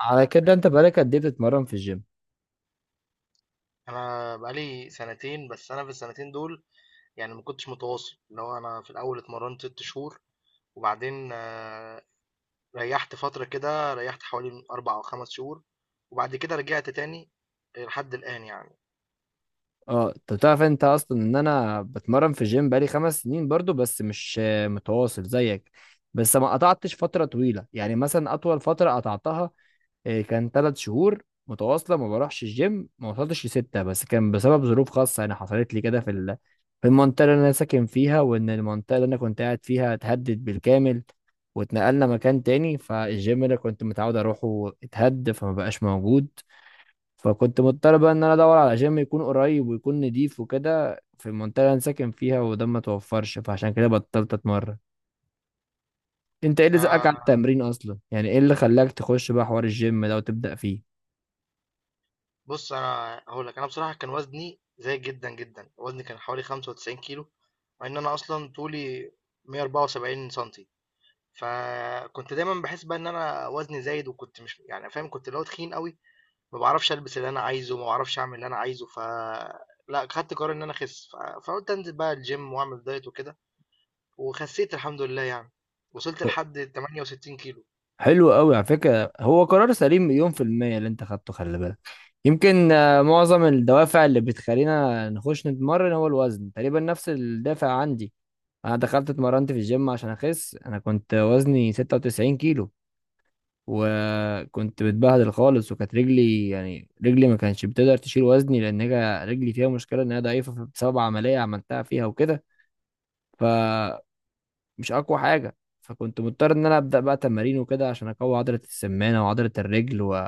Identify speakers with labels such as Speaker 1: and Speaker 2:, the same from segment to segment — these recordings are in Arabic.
Speaker 1: على كده انت بقالك قد ايه بتتمرن في الجيم؟
Speaker 2: انا بقالي سنتين، بس انا في السنتين دول ما كنتش متواصل. اللي هو انا في الاول اتمرنت ست شهور وبعدين ريحت فترة كده، ريحت حوالي من اربع او خمس شهور، وبعد كده رجعت تاني لحد الان
Speaker 1: اه، انت بتعرف انت اصلا ان انا بتمرن في الجيم بقالي 5 سنين برضو، بس مش متواصل زيك. بس ما قطعتش فترة طويلة، يعني مثلا اطول فترة قطعتها كان 3 شهور متواصلة ما بروحش الجيم، ما وصلتش لستة، بس كان بسبب ظروف خاصة يعني حصلت لي كده في المنطقة اللي انا ساكن فيها، وان المنطقة اللي انا كنت قاعد فيها اتهدد بالكامل واتنقلنا مكان تاني، فالجيم اللي كنت متعود اروحه اتهد فما بقاش موجود. فكنت مضطر بقى ان انا ادور على جيم يكون قريب ويكون نضيف وكده في المنطقه اللي انا ساكن فيها، وده ما توفرش، فعشان كده بطلت اتمرن. انت ايه اللي زقك على
Speaker 2: آه،
Speaker 1: التمرين اصلا، يعني ايه اللي خلاك تخش بقى حوار الجيم ده وتبدا فيه؟
Speaker 2: بص، انا هقول لك، انا بصراحة كان وزني زايد جدا جدا. وزني كان حوالي 95 كيلو، مع ان انا اصلا طولي 174 سنتي. فكنت دايما بحس بقى ان انا وزني زايد، وكنت مش فاهم، كنت اللي هو تخين قوي. ما بعرفش البس اللي انا عايزه، ما بعرفش اعمل اللي انا عايزه، لا خدت قرار ان انا اخس، فقلت انزل بقى الجيم واعمل دايت وكده، وخسيت الحمد لله يعني، وصلت لحد 68 كيلو.
Speaker 1: حلو قوي على فكره، هو قرار سليم مليون في الميه اللي انت خدته. خلي بالك يمكن معظم الدوافع اللي بتخلينا نخش نتمرن هو الوزن. تقريبا نفس الدافع عندي، انا دخلت اتمرنت في الجيم عشان اخس، انا كنت وزني 96 كيلو وكنت بتبهدل خالص، وكانت رجلي، يعني رجلي ما كانتش بتقدر تشيل وزني لان هي رجلي فيها مشكله ان هي ضعيفه بسبب عمليه عملتها فيها وكده، فمش اقوى حاجه. فكنت مضطر ان انا ابدا بقى تمارين وكده عشان اقوي عضله السمانه وعضله الرجل، و...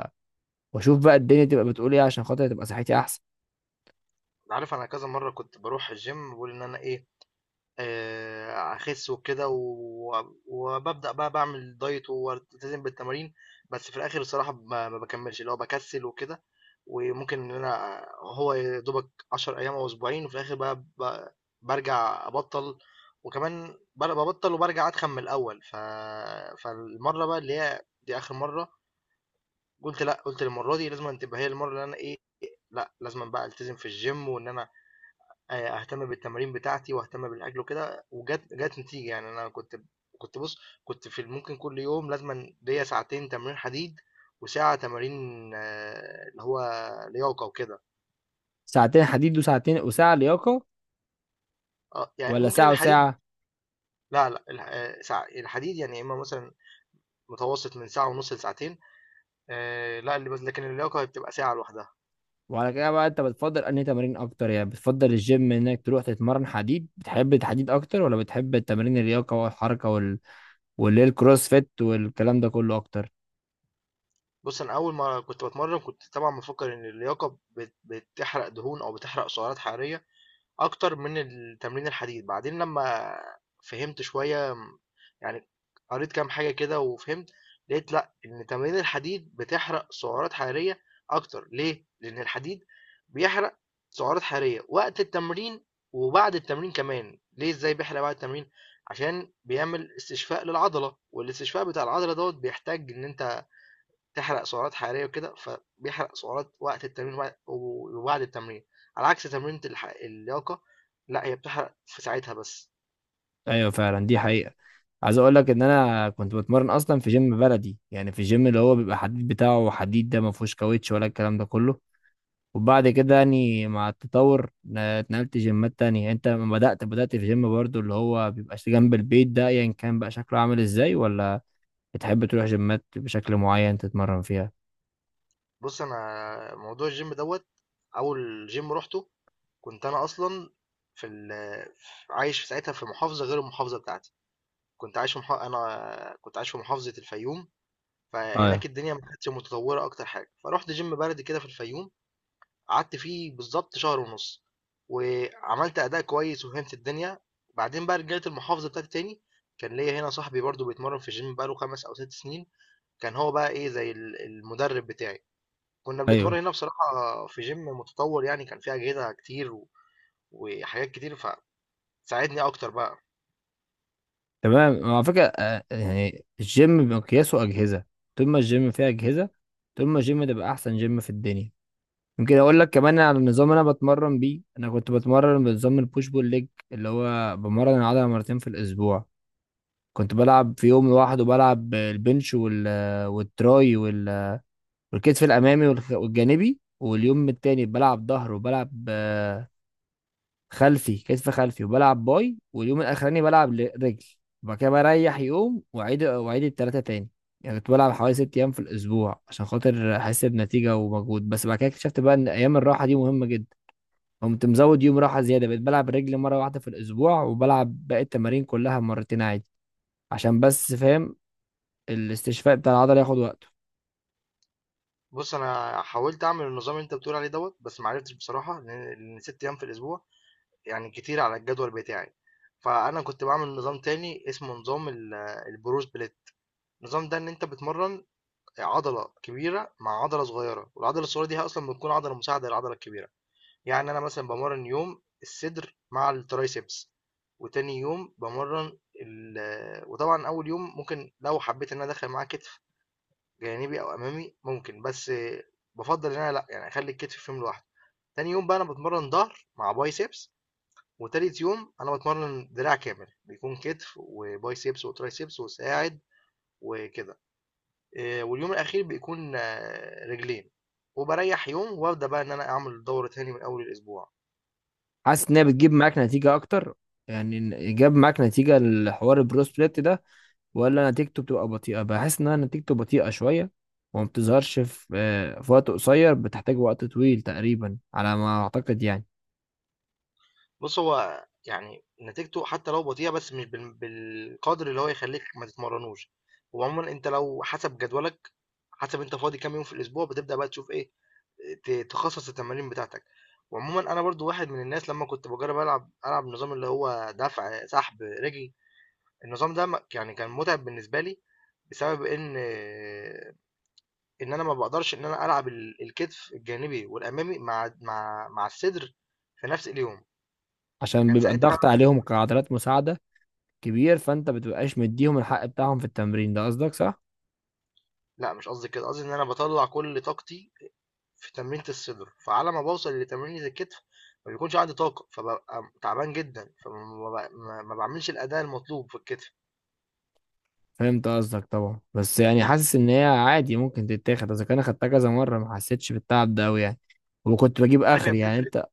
Speaker 1: واشوف بقى الدنيا تبقى بتقول ايه عشان خاطر تبقى صحتي احسن.
Speaker 2: عارف، انا كذا مره كنت بروح الجيم بقول ان انا ايه، أخس وكده، وبابدأ بقى باعمل دايت والتزم بالتمارين، بس في الآخر الصراحة ما باكمّلش، اللي هو باكسّل وكده، وممكن إن أنا هو يا دوبك 10 أيام أو أسبوعين، وفي الآخر بقى بارجع أبطّل، وكمان بابطّل وبارجع أتخن من الأول. فالمرّة بقى اللي هي دي آخر مرّة، قُلت لأ، قُلت المرّة دي لازمًا تبقى هي المرّة اللي أنا إيه، لأ لازمًا بقى ألتزم في الgym، وإن أنا أهتم بالتمارين بتاعتي وأهتم بالأكل وكده، جات نتيجة. يعني أنا كنت بُص، كنت في ممكن كل يوم لازمًا ليّا ساعتين تمرين حديد وساعة تمارين، اللي هو لياقة وكده.
Speaker 1: ساعتين حديد وساعتين وساعه لياقه؟
Speaker 2: يعني
Speaker 1: ولا
Speaker 2: ممكن
Speaker 1: ساعه
Speaker 2: الحديد إمم.
Speaker 1: وساعه؟
Speaker 2: لا، لأ، الحديد يعني يا إمّا مثلًا متوسط من ساعة ونُص لساعتين، لأ ال لكن اللياقة هي بتبقى ساعة لوحدها.
Speaker 1: وعلى كده بقى انت بتفضل انهي تمارين اكتر، يعني بتفضل الجيم انك تروح تتمرن حديد، بتحب الحديد اكتر ولا بتحب التمارين اللياقه والحركه واللي هي الكروس فيت والكلام ده كله اكتر؟
Speaker 2: بُص، أنا أول ما كنت باتمرّن كنت طبعًا مفكّر إن اللياقة بتحرق دهون أو بتحرق سعرات حرارية أكتر من التمرين الحديد. بعدين لما فهمت شوية يعني قريت كام حاجة كده وفهمت، لقيت لأ، إن تمارين الحديد بتحرق سعرات حرارية أكتر. ليه؟ لأن الحديد بيحرق سعرات حرارية وقت التمرين وبعد التمرين كمان. ليه، إزاي بيحرق بعد التمرين؟ عشان بيعمل استشفاء للعضلة، والاستشفاء بتاع العضلة دوت بيحتاج إن أنت تحرق سعرات حرارية وكده، فبيحرق سعرات وقت التمرين وبعد التمرين، على عكس تمرينة اللياقة، لأ، هي بتحرق في ساعتها بس.
Speaker 1: ايوه فعلا، دي حقيقة. عايز اقول لك ان انا كنت بتمرن اصلا في جيم بلدي، يعني في جيم اللي هو بيبقى حديد، بتاعه حديد ده ما فيهوش كاوتش ولا الكلام ده كله. وبعد كده يعني مع التطور اتنقلت جيمات تانية. انت لما بدأت، في جيم برضو اللي هو بيبقى جنب البيت ده، ايا يعني كان بقى شكله عامل ازاي؟ ولا بتحب تروح جيمات بشكل معين تتمرن فيها؟
Speaker 2: بُص، أنا موضوع الgym دوّة، أول gym رُحته كنت أنا أصلًا في ال ف عايش في ساعتها في محافظة غير المحافظة بتاعتي. كنت عايش في مح أنا كنت عايش في محافظة الفيوم.
Speaker 1: اه،
Speaker 2: فهناك الدنيا ما كانتش متطورة أكتر حاجة، فرُحت gym بلدي كده في الفيوم. قعدت فيه بالضبط شهر ونُص، وعملت أداء كويس وفهمت الدنيا. بعدين بقى رجعت المحافظة بتاعتي تاني. كان ليّا هنا صاحبي برضه بيتمرّن في الgym بقى له 5 أو 6 سنين، كان هو بقى إيه زي المدرب بتاعي، كنا بنتمرّن
Speaker 1: ايوه،
Speaker 2: هنا بصراحة في gym متطوّر، يعني كان فيه أجهزة كتير وحاجات كتير، فساعدني أكتر بقى.
Speaker 1: تمام على فكرة. يعني الجيم بمقياسه أجهزة، طول ما الجيم فيه أجهزة طول ما الجيم ده بقى أحسن جيم في الدنيا. يمكن أقول لك كمان على النظام اللي أنا بتمرن بيه، أنا كنت بتمرن بنظام البوش بول ليج اللي هو بمرن العضلة مرتين في الأسبوع. كنت بلعب في يوم لوحده، بلعب البنش والتراي والكتف الأمامي والجانبي، واليوم التاني بلعب ظهر وبلعب كتف خلفي وبلعب باي، واليوم الاخراني بلعب رجل. وبعد كده بريح يوم واعيد، التلاتة تاني. يعني كنت بلعب حوالي 6 ايام في الاسبوع عشان خاطر احس بنتيجه ومجهود. بس بعد كده اكتشفت بقى ان ايام الراحه دي مهمه جدا، قمت مزود يوم راحه زياده، بقيت بلعب رجل مره واحده في الاسبوع وبلعب باقي التمارين كلها مرتين عادي، عشان بس فاهم الاستشفاء بتاع العضله ياخد وقته.
Speaker 2: بُص، أنا حاولت أعمل النظام اللي أنت بتقول عليه دوّة، بس ما عرفتش بصراحة لإن 6 أيام في الأسبوع يعني كتير على الجدول بتاعي. فأنا كنت باعمل نظام تاني اسمه نظام ال الBruce Split. النظام ده ان انت بتمرن عضله كبيره مع عضله صغيره، والعضله الصغيره دي هي اصلا بتكون عضله مساعده للعضله الكبيره. يعني انا مثلا بمرن يوم الصدر مع الترايسبس، وتاني يوم بمرن ال آه، وطبعا اول يوم ممكن لو حبيت ان انا ادخل معاه كتف جانبي او امامي ممكن، بس بفضل ان انا لا يعني اخلي الكتف في يوم لوحده. تاني يوم بقى انا بتمرن ظهر مع بايسبس، وتالت يوم انا بتمرن دراع كامل، بيكون كتف وبايسبس وترايسبس وساعد وكده. واليوم الأخير بيكون رجلين، وبريح يوم وابدأ بقى إن أنا أعمل دورة تاني من أول الأسبوع.
Speaker 1: حاسس ان هي بتجيب معاك نتيجه اكتر؟ يعني جاب معاك نتيجه الحوار البرو سبليت ده، ولا نتيجته بتبقى بطيئة؟ بحس إنها نتيجته بطيئة شوية، وما بتظهرش في في وقت قصير، بتحتاج وقت طويل تقريبا على ما أعتقد يعني.
Speaker 2: بص، هو يعني نتيجته حتى لو بطيئة، بس مش بالقدر اللي هو يخليك ما تتمرنوش. وعموما أنت لو حسب جدولك، حسب أنت فاضي كام يوم في الأسبوع، بتبدأ بقى تشوف إيه، تخصص التمارين بتاعتك. وعموما أنا برضو واحد من الناس، لما كنت بجرب ألعب نظام اللي هو دفع سحب رجل، النظام ده يعني كان متعب بالنسبة لي، بسبب إن أنا ما باقدرش إن أنا ألعب الكتف الجانبي والأمامي مع مع الصدر في نفس اليوم،
Speaker 1: عشان
Speaker 2: فكان
Speaker 1: بيبقى
Speaker 2: ساعتها.
Speaker 1: الضغط عليهم كعضلات مساعدة كبير، فأنت بتبقاش مديهم الحق بتاعهم في التمرين ده، قصدك صح؟
Speaker 2: لأ مش قصدي كده، قصدي إن أنا باطلّع كل طاقتي في تمرينة الصدر، فعلى ما باوصل لتمرينة الكتف ما بيكونش عندي طاقة، فبابقى تعبان جدًا، فما ب ما ما باعملش الأداء المطلوب في الكتف.
Speaker 1: فهمت قصدك طبعا، بس يعني حاسس إن هي عادي ممكن تتاخد، إذا كان أخدتها كذا مرة ما حسيتش بالتعب ده أوي يعني. وكنت بجيب
Speaker 2: عارف،
Speaker 1: آخر،
Speaker 2: هي
Speaker 1: يعني
Speaker 2: بتفرق.
Speaker 1: أنت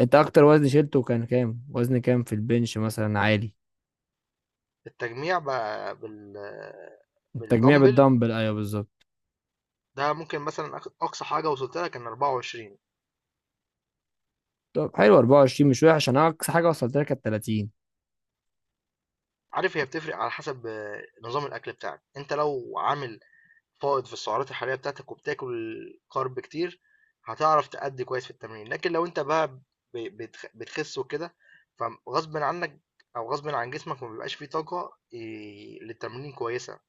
Speaker 1: أنت أكتر وزن شيلته كان كام؟ وزن كام في البنش مثلا عالي؟
Speaker 2: التجميع ب بال
Speaker 1: التجميع
Speaker 2: بالدمبل
Speaker 1: بالدمبل أيوه بالظبط.
Speaker 2: ده ممكن مثلًا آخد أقصى حاجة وصلت لها كان 24.
Speaker 1: طب حلو 24، مش وحش. انا اقصى حاجه وصلت لها كانت 30.
Speaker 2: عارف، هي بتفرق على حسب نظام الأكل بتاعك. أنت لو عامل فائض في السعرات الحرارية بتاعتك وبتاكل كارب كتير، هتعرف تأدي كويس في التمرين. لكن لو انت بقى بتخس وكده، فغصب عنك او غصب عن جسمك ما بيبقاش فيه طاقة إيه، للتمرين كويسة.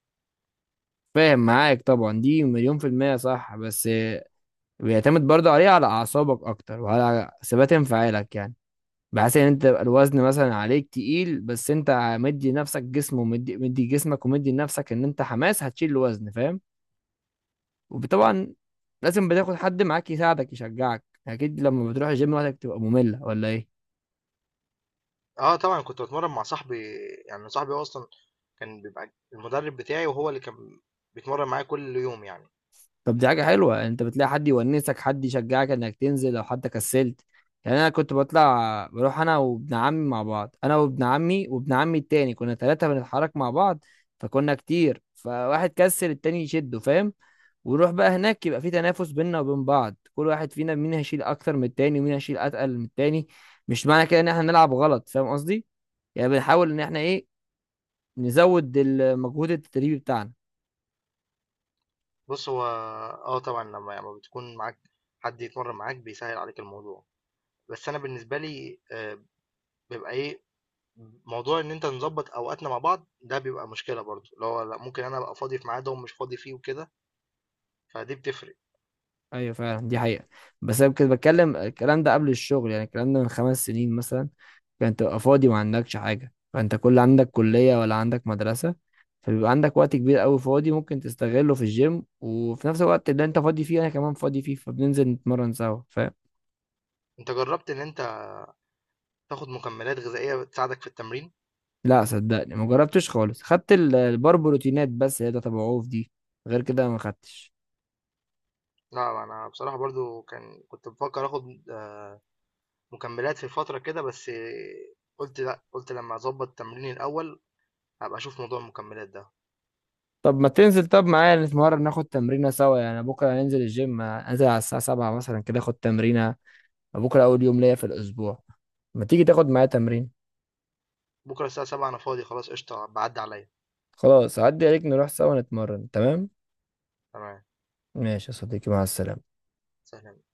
Speaker 1: فاهم معاك طبعا، دي مليون في المية صح، بس بيعتمد برضه عليه على أعصابك أكتر وعلى ثبات انفعالك، يعني بحيث إن أنت يبقى الوزن مثلا عليك تقيل، بس أنت مدي نفسك جسم ومدي جسمك ومدي لنفسك إن أنت حماس هتشيل الوزن، فاهم؟ وطبعا لازم بتاخد حد معاك يساعدك يشجعك، أكيد. لما بتروح الجيم لوحدك تبقى مملة ولا إيه؟
Speaker 2: اه طبعا، كنت بتمرن مع صاحبي، يعني صاحبي هو اصلا كان بيبقى المدرب بتاعي، وهو اللي كان بيتمرن معايا كل يوم يعني.
Speaker 1: طب دي حاجة حلوة، انت بتلاقي حد يونسك، حد يشجعك انك تنزل لو حتى كسلت. يعني انا كنت بطلع بروح انا وابن عمي مع بعض، انا وابن عمي وابن عمي التاني، كنا ثلاثة بنتحرك مع بعض، فكنا كتير، فواحد كسل التاني يشده، فاهم؟ ونروح بقى هناك يبقى في تنافس بيننا وبين بعض، كل واحد فينا مين هيشيل اكتر من التاني ومين هيشيل اتقل من التاني. مش معنى كده ان احنا نلعب غلط، فاهم قصدي؟ يعني بنحاول ان احنا ايه، نزود المجهود التدريبي بتاعنا.
Speaker 2: بص هو اه طبعا، لما بتكون معاك حد يتمرن معاك بيسهل عليك الموضوع، بس انا بالنسبه لي بيبقى ايه، موضوع إن أنت نضبّط أوقاتنا مع بعض، ده بيبقى مشكلة برضه، اللي هو لأ، ممكن أنا أبقى فاضي في ميعاد وهو مش فاضي فيه وكده، فدي بتفرق.
Speaker 1: ايوه فعلا، دي حقيقة. بس انا كنت بتكلم الكلام ده قبل الشغل، يعني الكلام ده من 5 سنين مثلا، كان تبقى فاضي ما عندكش حاجة، فانت كل عندك كلية ولا عندك مدرسة، فبيبقى عندك وقت كبير قوي فاضي ممكن تستغله في الجيم، وفي نفس الوقت اللي انت فاضي فيه انا كمان فاضي فيه، فبننزل نتمرن سوا، فاهم؟
Speaker 2: أنت جرّبت إن أنت تاخد مكملات غذائية تساعدك في التمرين؟
Speaker 1: لا صدقني ما جربتش خالص، خدت البار بروتينات بس، هي ده تبع عوف دي، غير كده ما خدتش.
Speaker 2: لأ، أنا بصراحة برضه كنت بافكّر آخد مكملات في فترة كده، بس قُلت لأ، قُلت لمّا أضبّط تمريني الأول، هابقى أشوف موضوع المكملات ده.
Speaker 1: طب ما تنزل طب معايا نتمرن، ناخد تمرينة سوا، يعني بكرة هننزل الجيم، انزل على الساعة 7 مثلا كده اخد تمرينة. بكره اول يوم ليا في الاسبوع، ما تيجي تاخد معايا تمرين؟
Speaker 2: بُكرة الساعة 07:00 أنا فاضي خلاص قشطة، ابقى عدّي عليّا.
Speaker 1: خلاص عدي عليك، نروح سوا نتمرن، تمام.
Speaker 2: تمام،
Speaker 1: ماشي يا صديقي، مع السلامه.
Speaker 2: سلام.